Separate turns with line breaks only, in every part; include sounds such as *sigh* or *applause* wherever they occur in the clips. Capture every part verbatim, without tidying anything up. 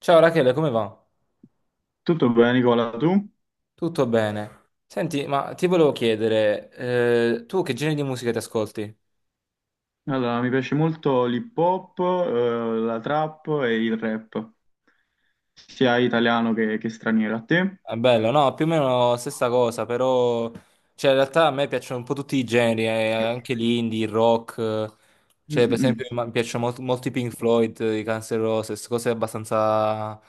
Ciao Rachele, come va?
Tutto bene, Nicola, tu?
Tutto bene. Senti, ma ti volevo chiedere, eh, tu che genere di musica ti ascolti?
Allora, mi piace molto l'hip hop, eh, la trap e il rap, sia italiano che, che straniero. A te?
È bello, no? Più o meno stessa cosa, però... Cioè, in realtà a me piacciono un po' tutti i generi, eh, anche l'indie, il rock. eh.
Mm,
Cioè, per
mm,
esempio,
mm.
mi mi piacciono molto, molti Pink Floyd, i Guns N' Roses, cose abbastanza,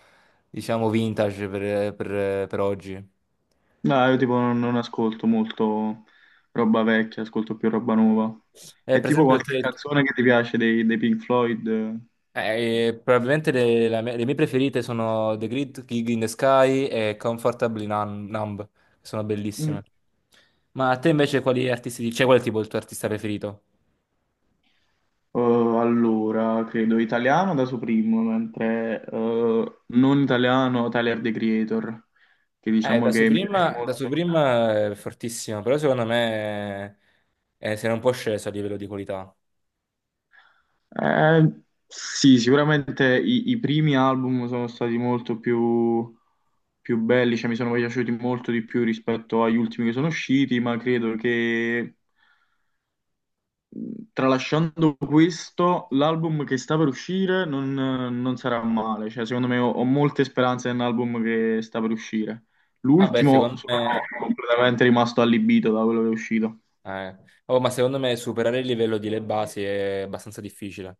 diciamo, vintage per, per- per oggi.
No, io tipo non, non ascolto molto roba vecchia, ascolto più roba nuova.
Eh,
E
per
tipo
esempio,
qualche
te-
canzone che ti piace dei, dei Pink Floyd? Eh?
Eh, probabilmente le, la mia- le mie preferite sono The Great Gig in the Sky e Comfortably Nun- Numb, che sono
Mm.
bellissime. Ma a te invece quali artisti, cioè qual è tipo il tuo artista preferito?
Eh, allora, credo italiano da Supreme, mentre eh, non italiano Tyler, The Creator, che
Eh,
diciamo
da
che mi piace
Supreme, da
molto.
Supreme è fortissimo, però secondo me eh, si era un po' sceso a livello di qualità.
Eh, sì, sicuramente i, i primi album sono stati molto più, più belli, cioè mi sono piaciuti molto di più rispetto agli ultimi che sono usciti, ma credo che, tralasciando questo, l'album che sta per uscire non, non sarà male, cioè secondo me ho, ho molte speranze nell'album che sta per uscire.
Vabbè,
L'ultimo
secondo
sono
me...
completamente rimasto allibito da quello che è uscito.
eh, oh, ma secondo me superare il livello di Le Basi è abbastanza difficile.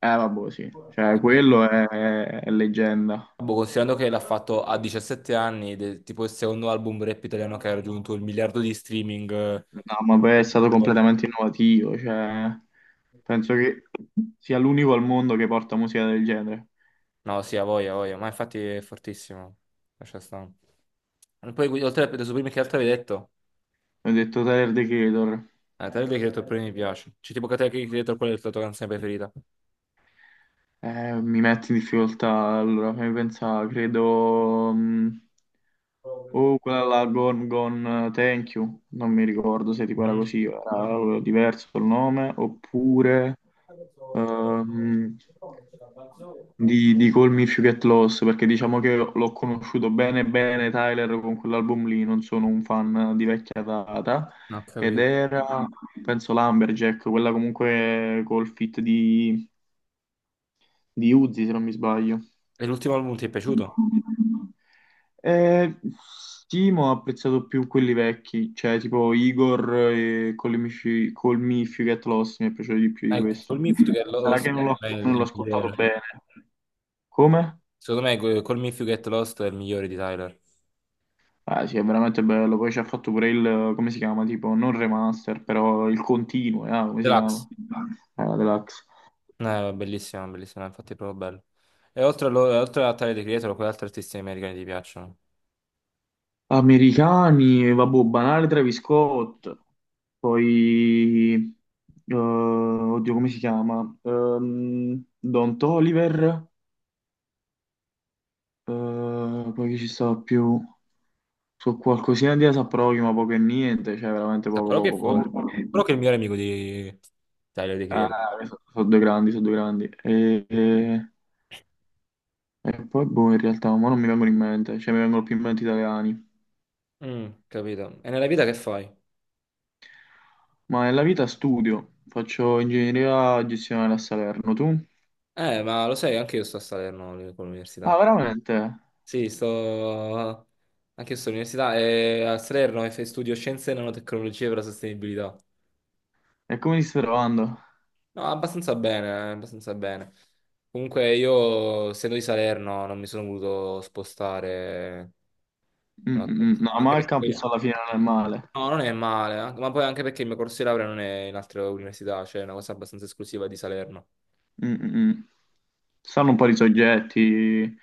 Eh, vabbè, sì, cioè quello è è leggenda.
Boh, considerando che l'ha fatto a diciassette anni, ed è tipo il secondo album rap italiano che ha raggiunto il miliardo di streaming.
No, ma poi è
eh,
stato
per-
completamente innovativo, cioè, penso che sia l'unico al mondo che porta musica del genere.
No, sì, a voglia, a voglia, ma infatti è fortissimo. Lascia stare. E poi, oltre a Predator Supreme, che altro avevi detto?
Ho detto Tyler, The Creator.
Eh, te l'avevi detto prima mi piace. C'è tipo che te che hai detto qual è la tua canzone preferita?
Eh, mi metti in difficoltà, allora fammi pensare, credo... mh, Oh, quella là, Gone Gone eh, Thank You, non mi ricordo se tipo era
Mm.
così, era diverso il nome, oppure ehm, di, di Call Me If You Get Lost, perché diciamo che l'ho conosciuto bene bene Tyler con quell'album lì, non sono un fan di vecchia data,
Non ho
ed
capito.
era, penso, Lumberjack, quella comunque col fit di Uzi, se non mi sbaglio.
E l'ultimo album ti è piaciuto?
Eh, sì, ma ho apprezzato più quelli vecchi, cioè tipo Igor e Call Me If You, Call Me If You Get Lost, mi è piaciuto di più di
Ecco, col
questo.
Mifid che è lo-
Sarà che non l'ho
è
non l'ho
il
ascoltato
migliore.
bene. Come?
Secondo me que- Call Me If You Get Lost è il migliore di Tyler.
Ah sì, è veramente bello. Poi ci ha fatto pure il, come si chiama? Tipo, non remaster, però il continuo, eh, come si chiama?
Deluxe.
Eh, la deluxe.
Eh, bellissimo, bellissimo, infatti è proprio bello. E oltre a, lo- e oltre a Tyler, The Creator, quali altri artisti americani ti piacciono?
Americani, vabbè, banale Travis Scott, poi, eh, oddio, come si chiama? Ehm, Don Toliver, eh, poi chi ci sta più? Su qualcosina di Asa Prochi, ma poco e niente, cioè veramente
Ah,
poco,
però che
poco,
forte.
poco.
Però che è il migliore amico di Tyler, The Creator.
Ah, sono due grandi, sono due grandi. E, e- e poi, boh, in realtà, ma non mi vengono in mente, cioè mi vengono più in mente italiani.
Mm, capito. E nella vita che fai?
Ma nella vita studio, faccio ingegneria gestionale a Salerno, tu?
Eh, ma lo sai, anche io sto a Salerno lì, con
Ah,
l'università.
veramente?
Sì, sto... Anche io sto all'università e a Salerno e studio Scienze e Nanotecnologie per la sostenibilità.
E come ti stai trovando?
No, abbastanza bene, abbastanza bene. Comunque io, essendo di Salerno, non mi sono voluto spostare.
Mm,
Un
mm,
attimo.
mm. No,
Anche
ma il campus
perché...
alla fine non è male.
No, non è male, anche- ma poi anche perché il mio corso di laurea non è in altre università, cioè è una cosa abbastanza esclusiva di Salerno.
Mm, mm, mm. Ci Stanno un po' di soggetti,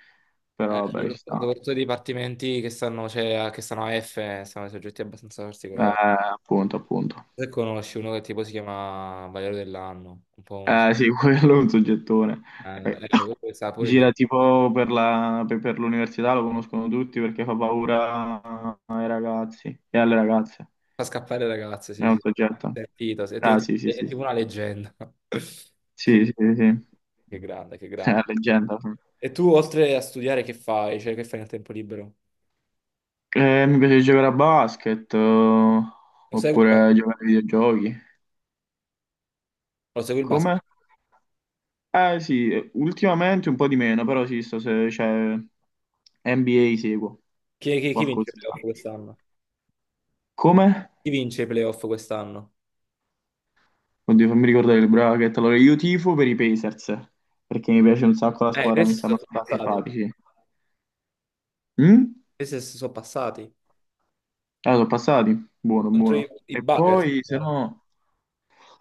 Eh,
però vabbè, ci
soprattutto
sta.
soprattutto i dipartimenti che stanno, cioè, che stanno a F, sono soggetti abbastanza
Eh,
particolari.
appunto, appunto.
Se conosci uno che tipo si chiama Valerio dell'Anno, un po' un... so-
Eh sì, *laughs* quello è un soggettone.
Eh,
Eh,
eh,
*coughs*
questo sta pure in
Gira tipo per la- per- per l'università, lo conoscono tutti perché fa paura ai ragazzi e alle ragazze.
fa scappare le ragazze,
È
sì,
un
sì.
soggetto.
Sentito, sì, è
Ah
tipo
sì, sì,
è
sì.
tipo una leggenda. *laughs* Che
Sì, sì, sì.
grande,
sì.
che grande, che
*laughs* È
grande.
una leggenda.
E tu, oltre a studiare, che fai? Cioè, che fai nel tempo libero?
Eh, mi piace giocare a basket, eh,
Lo segui il, ba-
oppure giocare ai videogiochi.
lo segui il
Come?
basket?
Eh sì, eh, ultimamente un po' di meno, però sì, sto, se c'è N B A seguo
Chi, chi- chi vince i
qualcosina.
playoff quest'anno?
Come?
Chi vince i playoff quest'anno?
Oddio, fammi ricordare il bracket. Allora, io tifo per i Pacers, perché mi piace un sacco la
Eh,
squadra, mi
questi
stanno
sono passati.
simpatici. Mm?
Questi sono passati.
Ah, sono passati? Buono,
Contro i,
buono.
i
E
Buckers.
poi, se
E
no...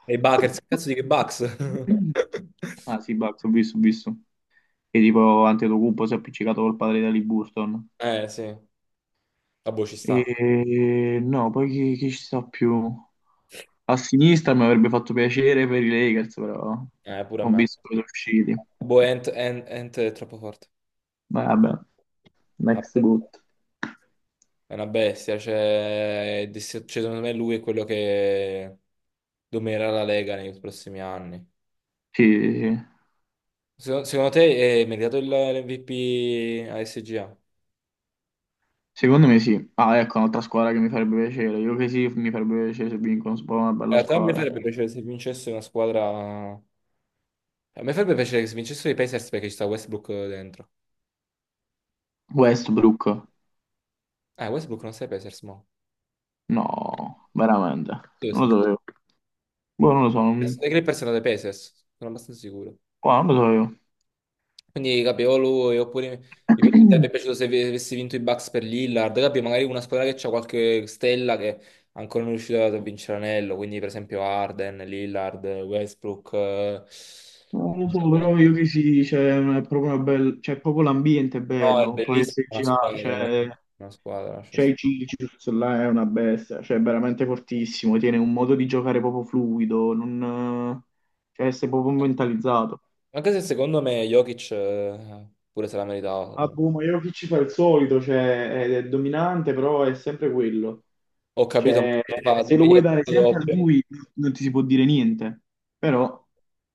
i Buckers, che cazzo di che Bucks?
*coughs*
*laughs*
Ah sì, Bucks, ho visto, ho visto, che tipo Antetokounmpo si è appiccicato col padre di Ali Burton.
Eh, sì. La boh, ci sta.
E no, poi chi, chi ci sta più? A sinistra mi avrebbe fatto piacere per i Lakers, però
Eh, pure a
ho
me.
visto che sono usciti.
Boh, Ant, Ant- Ant è troppo forte.
Ma Vabbè, next
Vabbè,
good.
è una bestia, cioè, è dis- cioè, secondo me lui è quello che dominerà la Lega nei prossimi anni.
Sì, sì, sì.
Secondo, secondo te eh, è meritato il- l'M V P a S G A? In
Secondo me sì. Ah, ecco, un'altra squadra che mi farebbe piacere. Io che sì, mi farebbe piacere se vincono, se una bella
realtà a me
squadra.
farebbe piacere se vincesse una squadra... A me farebbe piacere che se vincessero i Pacers perché ci sta Westbrook dentro.
Westbrook.
Ah, Westbrook non sei Pacers, mo.
No, veramente.
Dove
Non
sei?
lo sapevo. Boh, non lo so. non-
I Clippers sono dei Pacers, sono abbastanza sicuro.
Boh, non lo sapevo.
Quindi capevolo e oppure mi mi sarebbe
*clears throat*
piaciuto se ave- avessi vinto i Bucks per Lillard, capi? Magari una squadra che ha qualche stella che ancora non è riuscita a vincere l'anello, quindi per esempio Arden, Lillard, Westbrook. eh.
Non lo so, però io che sì, cioè, è proprio una bella, cioè, proprio l'ambiente è
No, è
bello, poi
bellissima una
S G A,
squadra,
cioè,
una squadra, lascia
c'è il
stare.
Cicius, là è una bestia, cioè, è veramente fortissimo, tiene un modo di giocare proprio fluido, non, cioè, sei proprio mentalizzato.
Anche se secondo me Jokic eh, pure se la meritava. Secondo
Ah,
me.
boh, ma Jokic ci fa il solito, cioè, è, è dominante, però è sempre quello,
Ho capito, ma
cioè,
fa di
se lo
media
vuoi dare sempre a
doppia.
lui, non ti si può dire niente, però,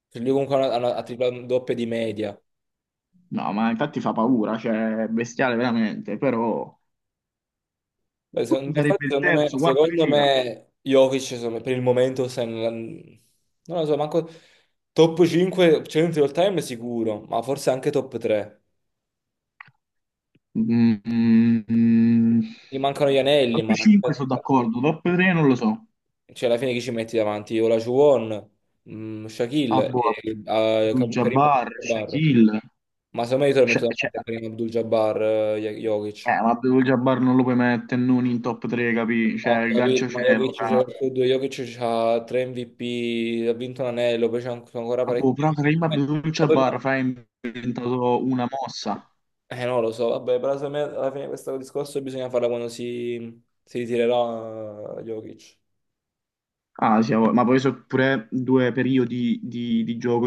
Cioè, lui comunque ha, una- ha una- ha triplato doppia di media.
no, ma infatti fa paura, cioè, è bestiale veramente, però...
Beh, secondo me, infatti,
sarebbe il
secondo me,
terzo, quarto di
secondo
fila.
me Jokic insomma, per il momento sta in- non lo so, manco top cinque centri all time sicuro, ma forse anche top tre.
Mm, mm.
Gli mancano gli anelli,
Top
ma
cinque sono d'accordo, top tre non lo so.
cioè, alla fine chi ci metti davanti? Olajuwon, mm, Shaquille
Abbo,
e eh, Karim
Abdul-Jabbar,
Abdul-Jabbar.
Shaquille.
Ma secondo me io te lo
Cioè,
metto
cioè,
davanti a Karim Abdul-Jabbar, eh, Jokic.
eh, ma Abdul-Jabbar non lo puoi mettere non in top tre, capì?
Ho
Cioè, il
capito,
gancio
ma
cielo
Jokic
fra...
c'è tutto, Jokic c'ha tre M V P, ha vinto un anello, poi c'è anche- ancora
Abbo,
parecchi.
però prima
Eh, Vabbè,
Abdul-Jabbar fra ha inventato una mossa.
eh, non lo so, vabbè, però secondo me alla fine questo discorso bisogna farlo quando si, si ritirerà eh, Jokic.
Ah, sì, ma poi sono pure due periodi di, di gioco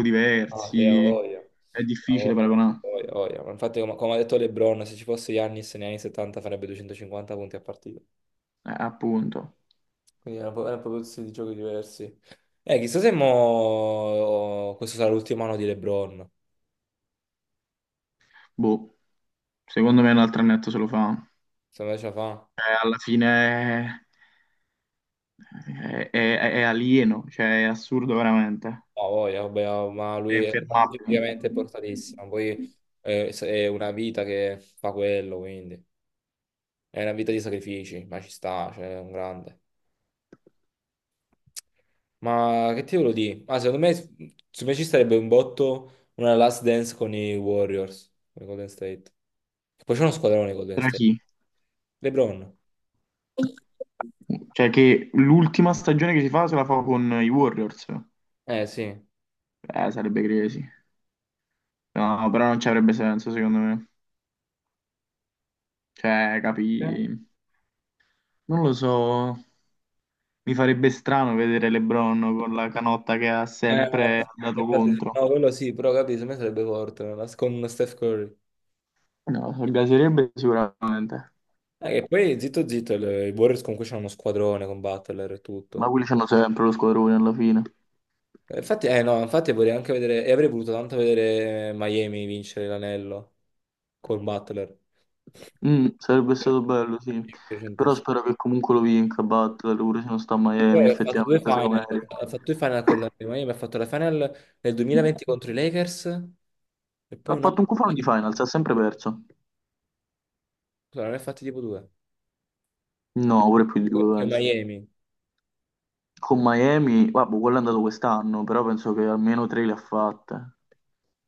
Ah, sì, ha
diversi.
voglia.
È
Ha
difficile
voglia.
paragonare.
Ha voglia, ha voglia. Ma infatti, come, come ha detto LeBron, se ci fosse Giannis negli anni settanta farebbe duecentocinquanta punti a partita.
Eh, appunto.
Quindi erano pro- erano proprio stili di giochi diversi. Eh, chissà se mo... oh, questo sarà l'ultimo anno di LeBron.
Boh. Secondo me un altro annetto se lo fa.
Se me ce la fa.
Cioè, alla fine è, è- è- è alieno, cioè è assurdo veramente.
No, ha voglia, vabbè, ma
È
lui è
infermabile.
praticamente portatissimo. Poi eh, è una vita che fa quello, quindi. È una vita di sacrifici, ma ci sta, cioè, è un grande. Ma che ti volevo dire? Ah, secondo me, secondo me ci sarebbe un botto una Last Dance con i Warriors, con i Golden State. Poi c'è uno squadrone Golden
Tra
State.
chi?
LeBron.
Cioè che l'ultima stagione che si fa se la fa con i Warriors.
Eh, sì. Eh?
Eh, sarebbe crazy. No, però non ci avrebbe senso, secondo me. Cioè, capi... Non lo so, mi farebbe strano vedere LeBron con la canotta che ha
Eh, no,
sempre dato
infatti,
contro.
no, quello sì, però capito, secondo me sarebbe forte, una Last- con Steph Curry.
No, lo gaserebbe sicuramente,
Eh, che poi, zitto zitto, le- i Warriors comunque c'hanno uno squadrone con Butler e
ma
tutto.
quelli c'hanno sempre lo squadrone alla fine.
Eh, Infatti, eh no, infatti vorrei anche vedere, e avrei voluto tanto vedere Miami vincere l'anello col Butler.
Mm, sarebbe
Perché
stato bello, sì.
mi è
Però
piaciutissimo.
spero che comunque lo vinca Butler, pure se non sta a
Poi
Miami,
ha fatto due
effettivamente, secondo me.
final,
merita.
ha fatto due final con la Miami, ha fatto la final nel duemilaventi contro i Lakers e poi
Ha fatto
un'altra,
un cufano di finals, ha sempre perso.
scusa, ne ha fatti tipo due,
No, pure più di
con
due,
con
penso.
Miami.
Con Miami, vabbè, quello è andato quest'anno, però penso che almeno tre le ha fatte.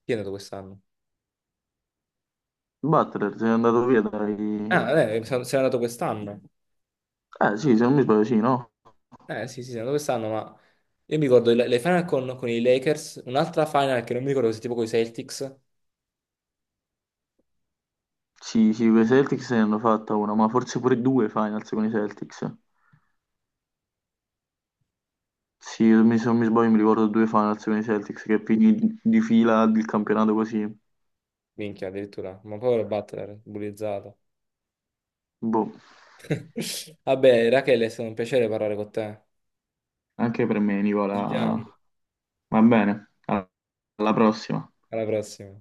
Chi è andato quest'anno?
Butler se è andato via dai...
Ah, eh, se n'è andato quest'anno.
Eh sì, se non mi sbaglio, sì, no?
Eh sì, sì, se n'è andato quest'anno, ma io mi ricordo le le final con, con i Lakers, un'altra final che non mi ricordo se tipo con i Celtics.
Sì, sì, con i Celtics ne hanno fatta una, ma forse pure due finals con i Celtics. Sì, mi- se non mi sbaglio mi ricordo due finals con i Celtics che finì di di fila il campionato così.
Minchia, addirittura. Ma povero Butler, bullizzato.
Boh,
*laughs* Vabbè, Rachele, è stato un piacere parlare con te.
anche per me,
Ci sentiamo.
Nicola. Va bene, alla alla prossima.
Alla prossima.